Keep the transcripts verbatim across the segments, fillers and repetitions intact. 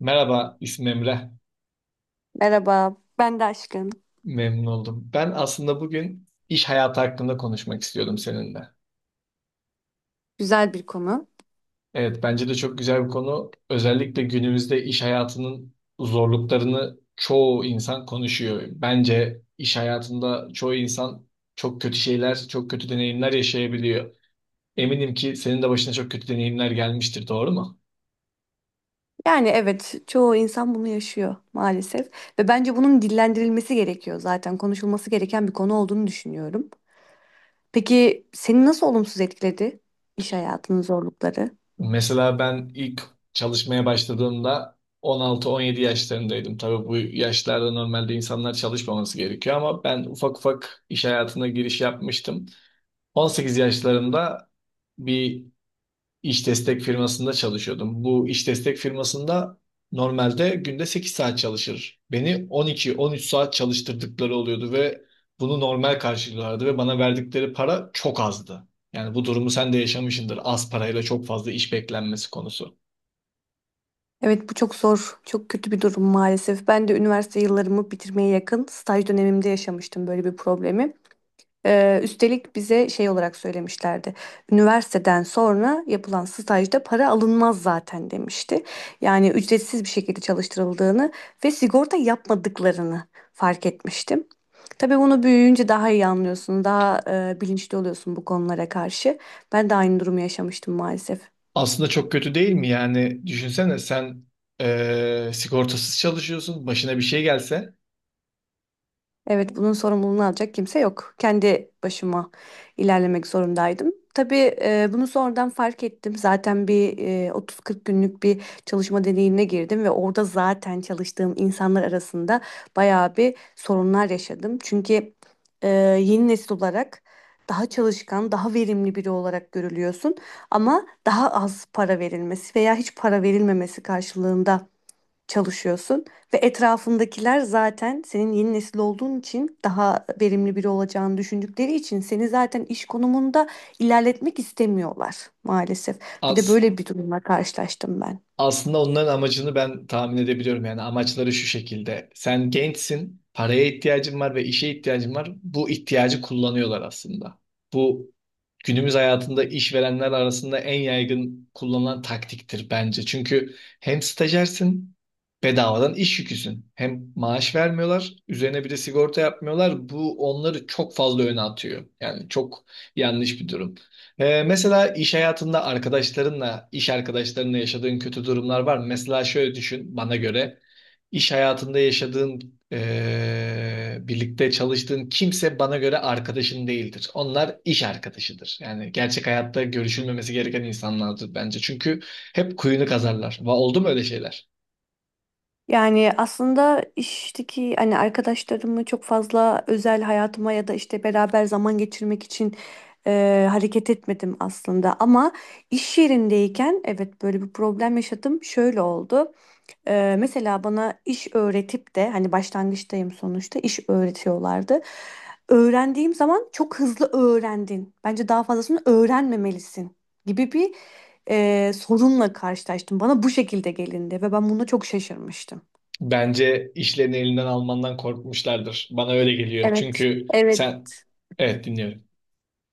Merhaba, ismim Emre. Merhaba, ben de aşkım. Memnun oldum. Ben aslında bugün iş hayatı hakkında konuşmak istiyordum seninle. Güzel bir konu. Evet, bence de çok güzel bir konu. Özellikle günümüzde iş hayatının zorluklarını çoğu insan konuşuyor. Bence iş hayatında çoğu insan çok kötü şeyler, çok kötü deneyimler yaşayabiliyor. Eminim ki senin de başına çok kötü deneyimler gelmiştir, doğru mu? Yani evet, çoğu insan bunu yaşıyor maalesef ve bence bunun dillendirilmesi gerekiyor zaten konuşulması gereken bir konu olduğunu düşünüyorum. Peki seni nasıl olumsuz etkiledi iş hayatının zorlukları? Mesela ben ilk çalışmaya başladığımda on altı on yedi yaşlarındaydım. Tabii bu yaşlarda normalde insanlar çalışmaması gerekiyor ama ben ufak ufak iş hayatına giriş yapmıştım. on sekiz yaşlarında bir İş destek firmasında çalışıyordum. Bu iş destek firmasında normalde günde sekiz saat çalışır. Beni on iki, on üç saat çalıştırdıkları oluyordu ve bunu normal karşılıyorlardı ve bana verdikleri para çok azdı. Yani bu durumu sen de yaşamışsındır. Az parayla çok fazla iş beklenmesi konusu. Evet, bu çok zor, çok kötü bir durum maalesef. Ben de üniversite yıllarımı bitirmeye yakın staj dönemimde yaşamıştım böyle bir problemi. Ee, üstelik bize şey olarak söylemişlerdi. Üniversiteden sonra yapılan stajda para alınmaz zaten demişti. Yani ücretsiz bir şekilde çalıştırıldığını ve sigorta yapmadıklarını fark etmiştim. Tabii bunu büyüyünce daha iyi anlıyorsun, daha e, bilinçli oluyorsun bu konulara karşı. Ben de aynı durumu yaşamıştım maalesef. Aslında çok kötü değil mi? Yani düşünsene sen eee, sigortasız çalışıyorsun. Başına bir şey gelse. Evet, bunun sorumluluğunu alacak kimse yok. Kendi başıma ilerlemek zorundaydım. Tabii e, bunu sonradan fark ettim. Zaten bir e, otuz kırk günlük bir çalışma deneyimine girdim ve orada zaten çalıştığım insanlar arasında bayağı bir sorunlar yaşadım. Çünkü e, yeni nesil olarak daha çalışkan, daha verimli biri olarak görülüyorsun ama daha az para verilmesi veya hiç para verilmemesi karşılığında çalışıyorsun ve etrafındakiler zaten senin yeni nesil olduğun için daha verimli biri olacağını düşündükleri için seni zaten iş konumunda ilerletmek istemiyorlar maalesef. Bir de As böyle bir durumla karşılaştım ben. Aslında onların amacını ben tahmin edebiliyorum. Yani amaçları şu şekilde. Sen gençsin, paraya ihtiyacın var ve işe ihtiyacın var. Bu ihtiyacı kullanıyorlar aslında. Bu günümüz hayatında işverenler arasında en yaygın kullanılan taktiktir bence. Çünkü hem stajyersin, bedavadan iş yüküsün. Hem maaş vermiyorlar, üzerine bir de sigorta yapmıyorlar. Bu onları çok fazla öne atıyor. Yani çok yanlış bir durum. Ee, mesela iş hayatında arkadaşlarınla, iş arkadaşlarınla yaşadığın kötü durumlar var mı? Mesela şöyle düşün bana göre. İş hayatında yaşadığın, eee, birlikte çalıştığın kimse bana göre arkadaşın değildir. Onlar iş arkadaşıdır. Yani gerçek hayatta görüşülmemesi gereken insanlardır bence. Çünkü hep kuyunu kazarlar. Va- Oldu mu öyle şeyler? Yani aslında işteki hani arkadaşlarımı çok fazla özel hayatıma ya da işte beraber zaman geçirmek için e, hareket etmedim aslında. Ama iş yerindeyken evet böyle bir problem yaşadım. Şöyle oldu. Ee, mesela bana iş öğretip de hani başlangıçtayım sonuçta iş öğretiyorlardı. Öğrendiğim zaman çok hızlı öğrendin. Bence daha fazlasını öğrenmemelisin gibi bir e, sorunla karşılaştım. Bana bu şekilde gelindi ve ben buna çok şaşırmıştım. Bence işlerini elinden almandan korkmuşlardır. Bana öyle geliyor. Evet, Çünkü evet, sen... Evet, dinliyorum.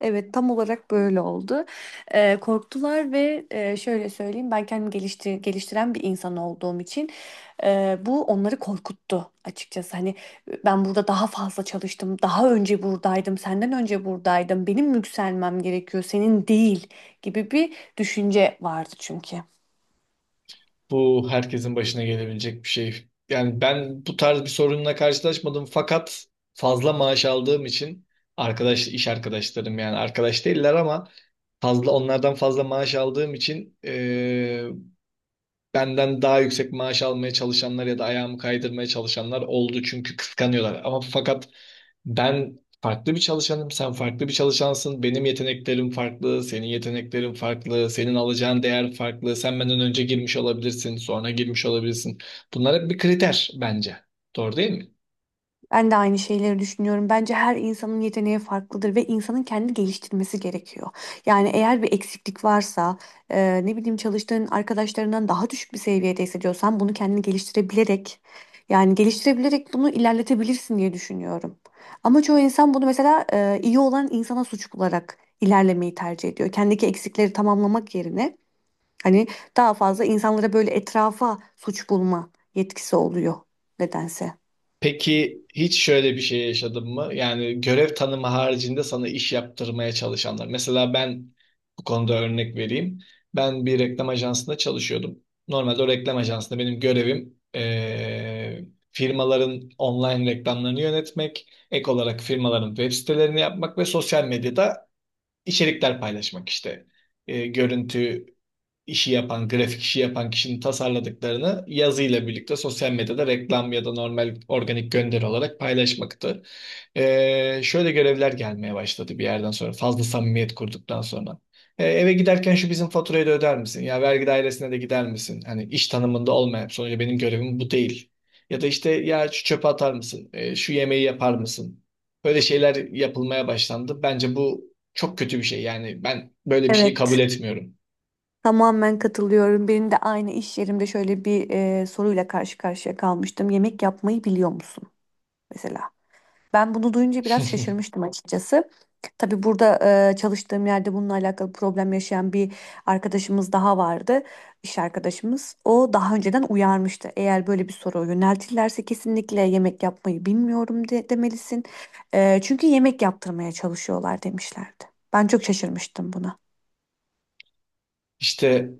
evet, tam olarak böyle oldu. Ee, korktular ve e, şöyle söyleyeyim ben kendimi gelişti- geliştiren bir insan olduğum için e, bu onları korkuttu açıkçası. Hani ben burada daha fazla çalıştım, daha önce buradaydım, senden önce buradaydım, benim yükselmem gerekiyor, senin değil gibi bir düşünce vardı çünkü. Bu herkesin başına gelebilecek bir şey. Yani ben bu tarz bir sorunla karşılaşmadım. Fakat fazla maaş aldığım için arkadaş, iş arkadaşlarım yani arkadaş değiller ama fazla onlardan fazla maaş aldığım için eee, benden daha yüksek maaş almaya çalışanlar ya da ayağımı kaydırmaya çalışanlar oldu. Çünkü kıskanıyorlar. Ama fakat ben farklı bir çalışanım, sen farklı bir çalışansın. Benim yeteneklerim farklı, senin yeteneklerin farklı, senin alacağın değer farklı. Sen benden önce girmiş olabilirsin, sonra girmiş olabilirsin. Bunlar hep bir kriter bence. Doğru değil mi? Ben de aynı şeyleri düşünüyorum. Bence her insanın yeteneği farklıdır ve insanın kendi geliştirmesi gerekiyor. Yani eğer bir eksiklik varsa, e, ne bileyim çalıştığın arkadaşlarından daha düşük bir seviyede hissediyorsan bunu kendini geliştirebilerek, yani geliştirebilerek bunu ilerletebilirsin diye düşünüyorum. Ama çoğu insan bunu mesela e, iyi olan insana suç bularak ilerlemeyi tercih ediyor. Kendiki eksikleri tamamlamak yerine hani daha fazla insanlara böyle etrafa suç bulma yetkisi oluyor nedense. Peki hiç şöyle bir şey yaşadın mı? Yani görev tanımı haricinde sana iş yaptırmaya çalışanlar. Mesela ben bu konuda örnek vereyim. Ben bir reklam ajansında çalışıyordum. Normalde o reklam ajansında benim görevim eee, firmaların online reklamlarını yönetmek, ek olarak firmaların web sitelerini yapmak ve sosyal medyada içerikler paylaşmak işte. Eee, görüntü işi yapan, grafik işi yapan kişinin tasarladıklarını yazıyla birlikte sosyal medyada reklam ya da normal organik gönderi olarak paylaşmaktı. Ee, şöyle görevler gelmeye başladı bir yerden sonra, fazla samimiyet kurduktan sonra. Ee, eve giderken şu bizim faturayı da öder misin? Ya vergi dairesine de gider misin? Hani iş tanımında olmayan, sonuçta benim görevim bu değil. Ya da işte ya şu çöpe atar mısın? Ee, şu yemeği yapar mısın? Böyle şeyler yapılmaya başlandı. Bence bu çok kötü bir şey. Yani ben böyle bir şeyi kabul Evet. etmiyorum. Tamamen katılıyorum. Benim de aynı iş yerimde şöyle bir e, soruyla karşı karşıya kalmıştım. Yemek yapmayı biliyor musun mesela? Ben bunu duyunca biraz şaşırmıştım açıkçası. Tabii burada e, çalıştığım yerde bununla alakalı problem yaşayan bir arkadaşımız daha vardı. İş arkadaşımız. O daha önceden uyarmıştı. Eğer böyle bir soru yöneltirlerse kesinlikle yemek yapmayı bilmiyorum de, demelisin. E, çünkü yemek yaptırmaya çalışıyorlar demişlerdi. Ben çok şaşırmıştım buna. İşte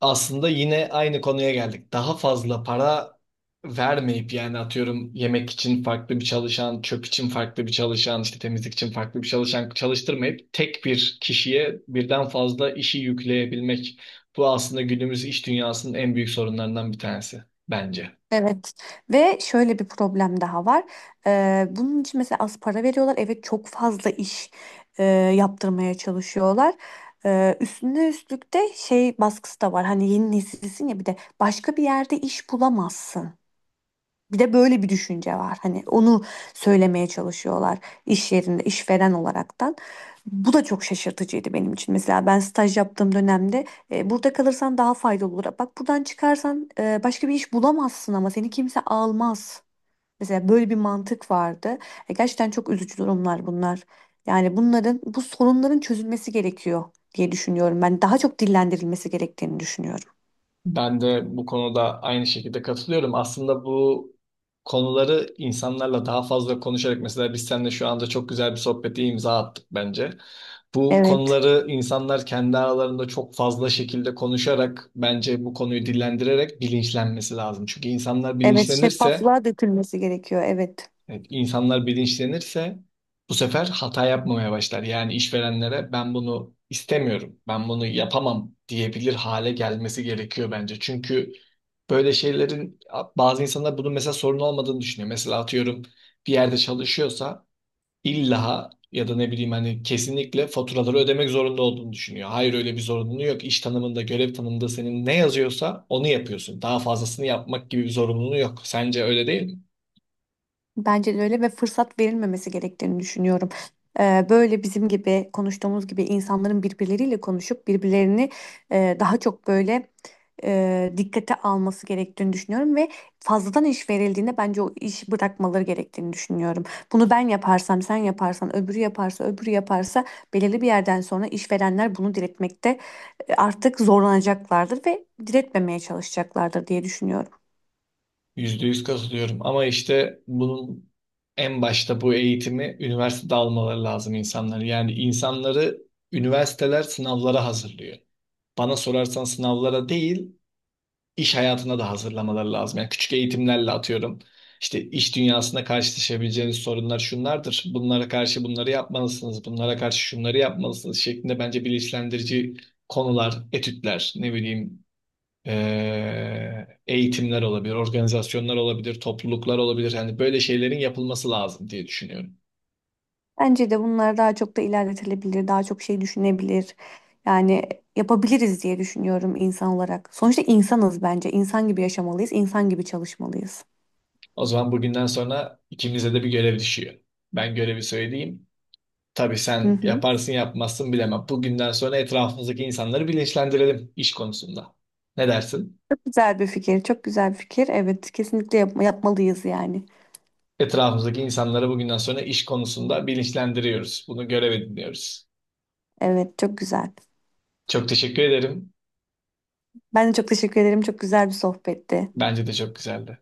aslında yine aynı konuya geldik. Daha fazla para vermeyip yani atıyorum yemek için farklı bir çalışan, çöp için farklı bir çalışan, işte temizlik için farklı bir çalışan çalıştırmayıp tek bir kişiye birden fazla işi yükleyebilmek. Bu aslında günümüz iş dünyasının en büyük sorunlarından bir tanesi bence. Evet ve şöyle bir problem daha var. Ee, bunun için mesela az para veriyorlar. Evet çok fazla iş e, yaptırmaya çalışıyorlar. Ee, üstüne üstlük de şey baskısı da var. Hani yeni nesilsin ya bir de başka bir yerde iş bulamazsın. Bir de böyle bir düşünce var. Hani onu söylemeye çalışıyorlar iş yerinde, işveren olaraktan. Bu da çok şaşırtıcıydı benim için. Mesela ben staj yaptığım dönemde e, burada kalırsan daha faydalı olur. Bak buradan çıkarsan e, başka bir iş bulamazsın ama seni kimse almaz. Mesela böyle bir mantık vardı. E, gerçekten çok üzücü durumlar bunlar. Yani bunların, bu sorunların çözülmesi gerekiyor diye düşünüyorum. Ben daha çok dillendirilmesi gerektiğini düşünüyorum. Ben de bu konuda aynı şekilde katılıyorum. Aslında bu konuları insanlarla daha fazla konuşarak mesela biz seninle şu anda çok güzel bir sohbete imza attık bence. Bu Evet. konuları insanlar kendi aralarında çok fazla şekilde konuşarak bence bu konuyu dillendirerek bilinçlenmesi lazım. Çünkü insanlar Evet, bilinçlenirse şeffaflığa dökülmesi gerekiyor. Evet. Evet, insanlar bilinçlenirse bu sefer hata yapmamaya başlar. Yani işverenlere ben bunu istemiyorum, ben bunu yapamam diyebilir hale gelmesi gerekiyor bence. Çünkü böyle şeylerin bazı insanlar bunun mesela sorun olmadığını düşünüyor. Mesela atıyorum bir yerde çalışıyorsa illa ya da ne bileyim hani kesinlikle faturaları ödemek zorunda olduğunu düşünüyor. Hayır, öyle bir zorunluluğu yok. İş tanımında, görev tanımında senin ne yazıyorsa onu yapıyorsun. Daha fazlasını yapmak gibi bir zorunluluğu yok. Sence öyle değil mi? Bence de öyle ve fırsat verilmemesi gerektiğini düşünüyorum. Ee, böyle bizim gibi konuştuğumuz gibi insanların birbirleriyle konuşup birbirlerini e, daha çok böyle e, dikkate alması gerektiğini düşünüyorum ve fazladan iş verildiğinde bence o işi bırakmaları gerektiğini düşünüyorum. Bunu ben yaparsam, sen yaparsan, öbürü yaparsa, öbürü yaparsa belirli bir yerden sonra işverenler bunu diretmekte e, artık zorlanacaklardır ve diretmemeye çalışacaklardır diye düşünüyorum. Yüzde yüz katılıyorum ama işte bunun en başta bu eğitimi üniversitede almaları lazım insanları. Yani insanları üniversiteler sınavlara hazırlıyor. Bana sorarsan sınavlara değil, iş hayatına da hazırlamaları lazım. Yani küçük eğitimlerle atıyorum. İşte iş dünyasında karşılaşabileceğiniz sorunlar şunlardır. Bunlara karşı bunları yapmalısınız. Bunlara karşı şunları yapmalısınız şeklinde bence bilinçlendirici konular, etütler, ne bileyim ee, eğitimler olabilir, organizasyonlar olabilir, topluluklar olabilir. Hani böyle şeylerin yapılması lazım diye düşünüyorum. Bence de bunlar daha çok da ilerletilebilir, daha çok şey düşünebilir. Yani yapabiliriz diye düşünüyorum insan olarak. Sonuçta insanız bence. İnsan gibi yaşamalıyız, insan gibi çalışmalıyız. O zaman bugünden sonra ikimize de bir görev düşüyor. Ben görevi söyleyeyim. Tabii Hı sen hı. yaparsın yapmazsın bilemem. Bugünden sonra etrafımızdaki insanları bilinçlendirelim iş konusunda. Ne dersin? Çok güzel bir fikir, çok güzel bir fikir. Evet, kesinlikle yapma, yapmalıyız yani. Etrafımızdaki insanları bugünden sonra iş konusunda bilinçlendiriyoruz. Bunu görev ediniyoruz. Evet, çok güzel. Çok teşekkür ederim. Ben de çok teşekkür ederim. Çok güzel bir sohbetti. Bence de çok güzeldi.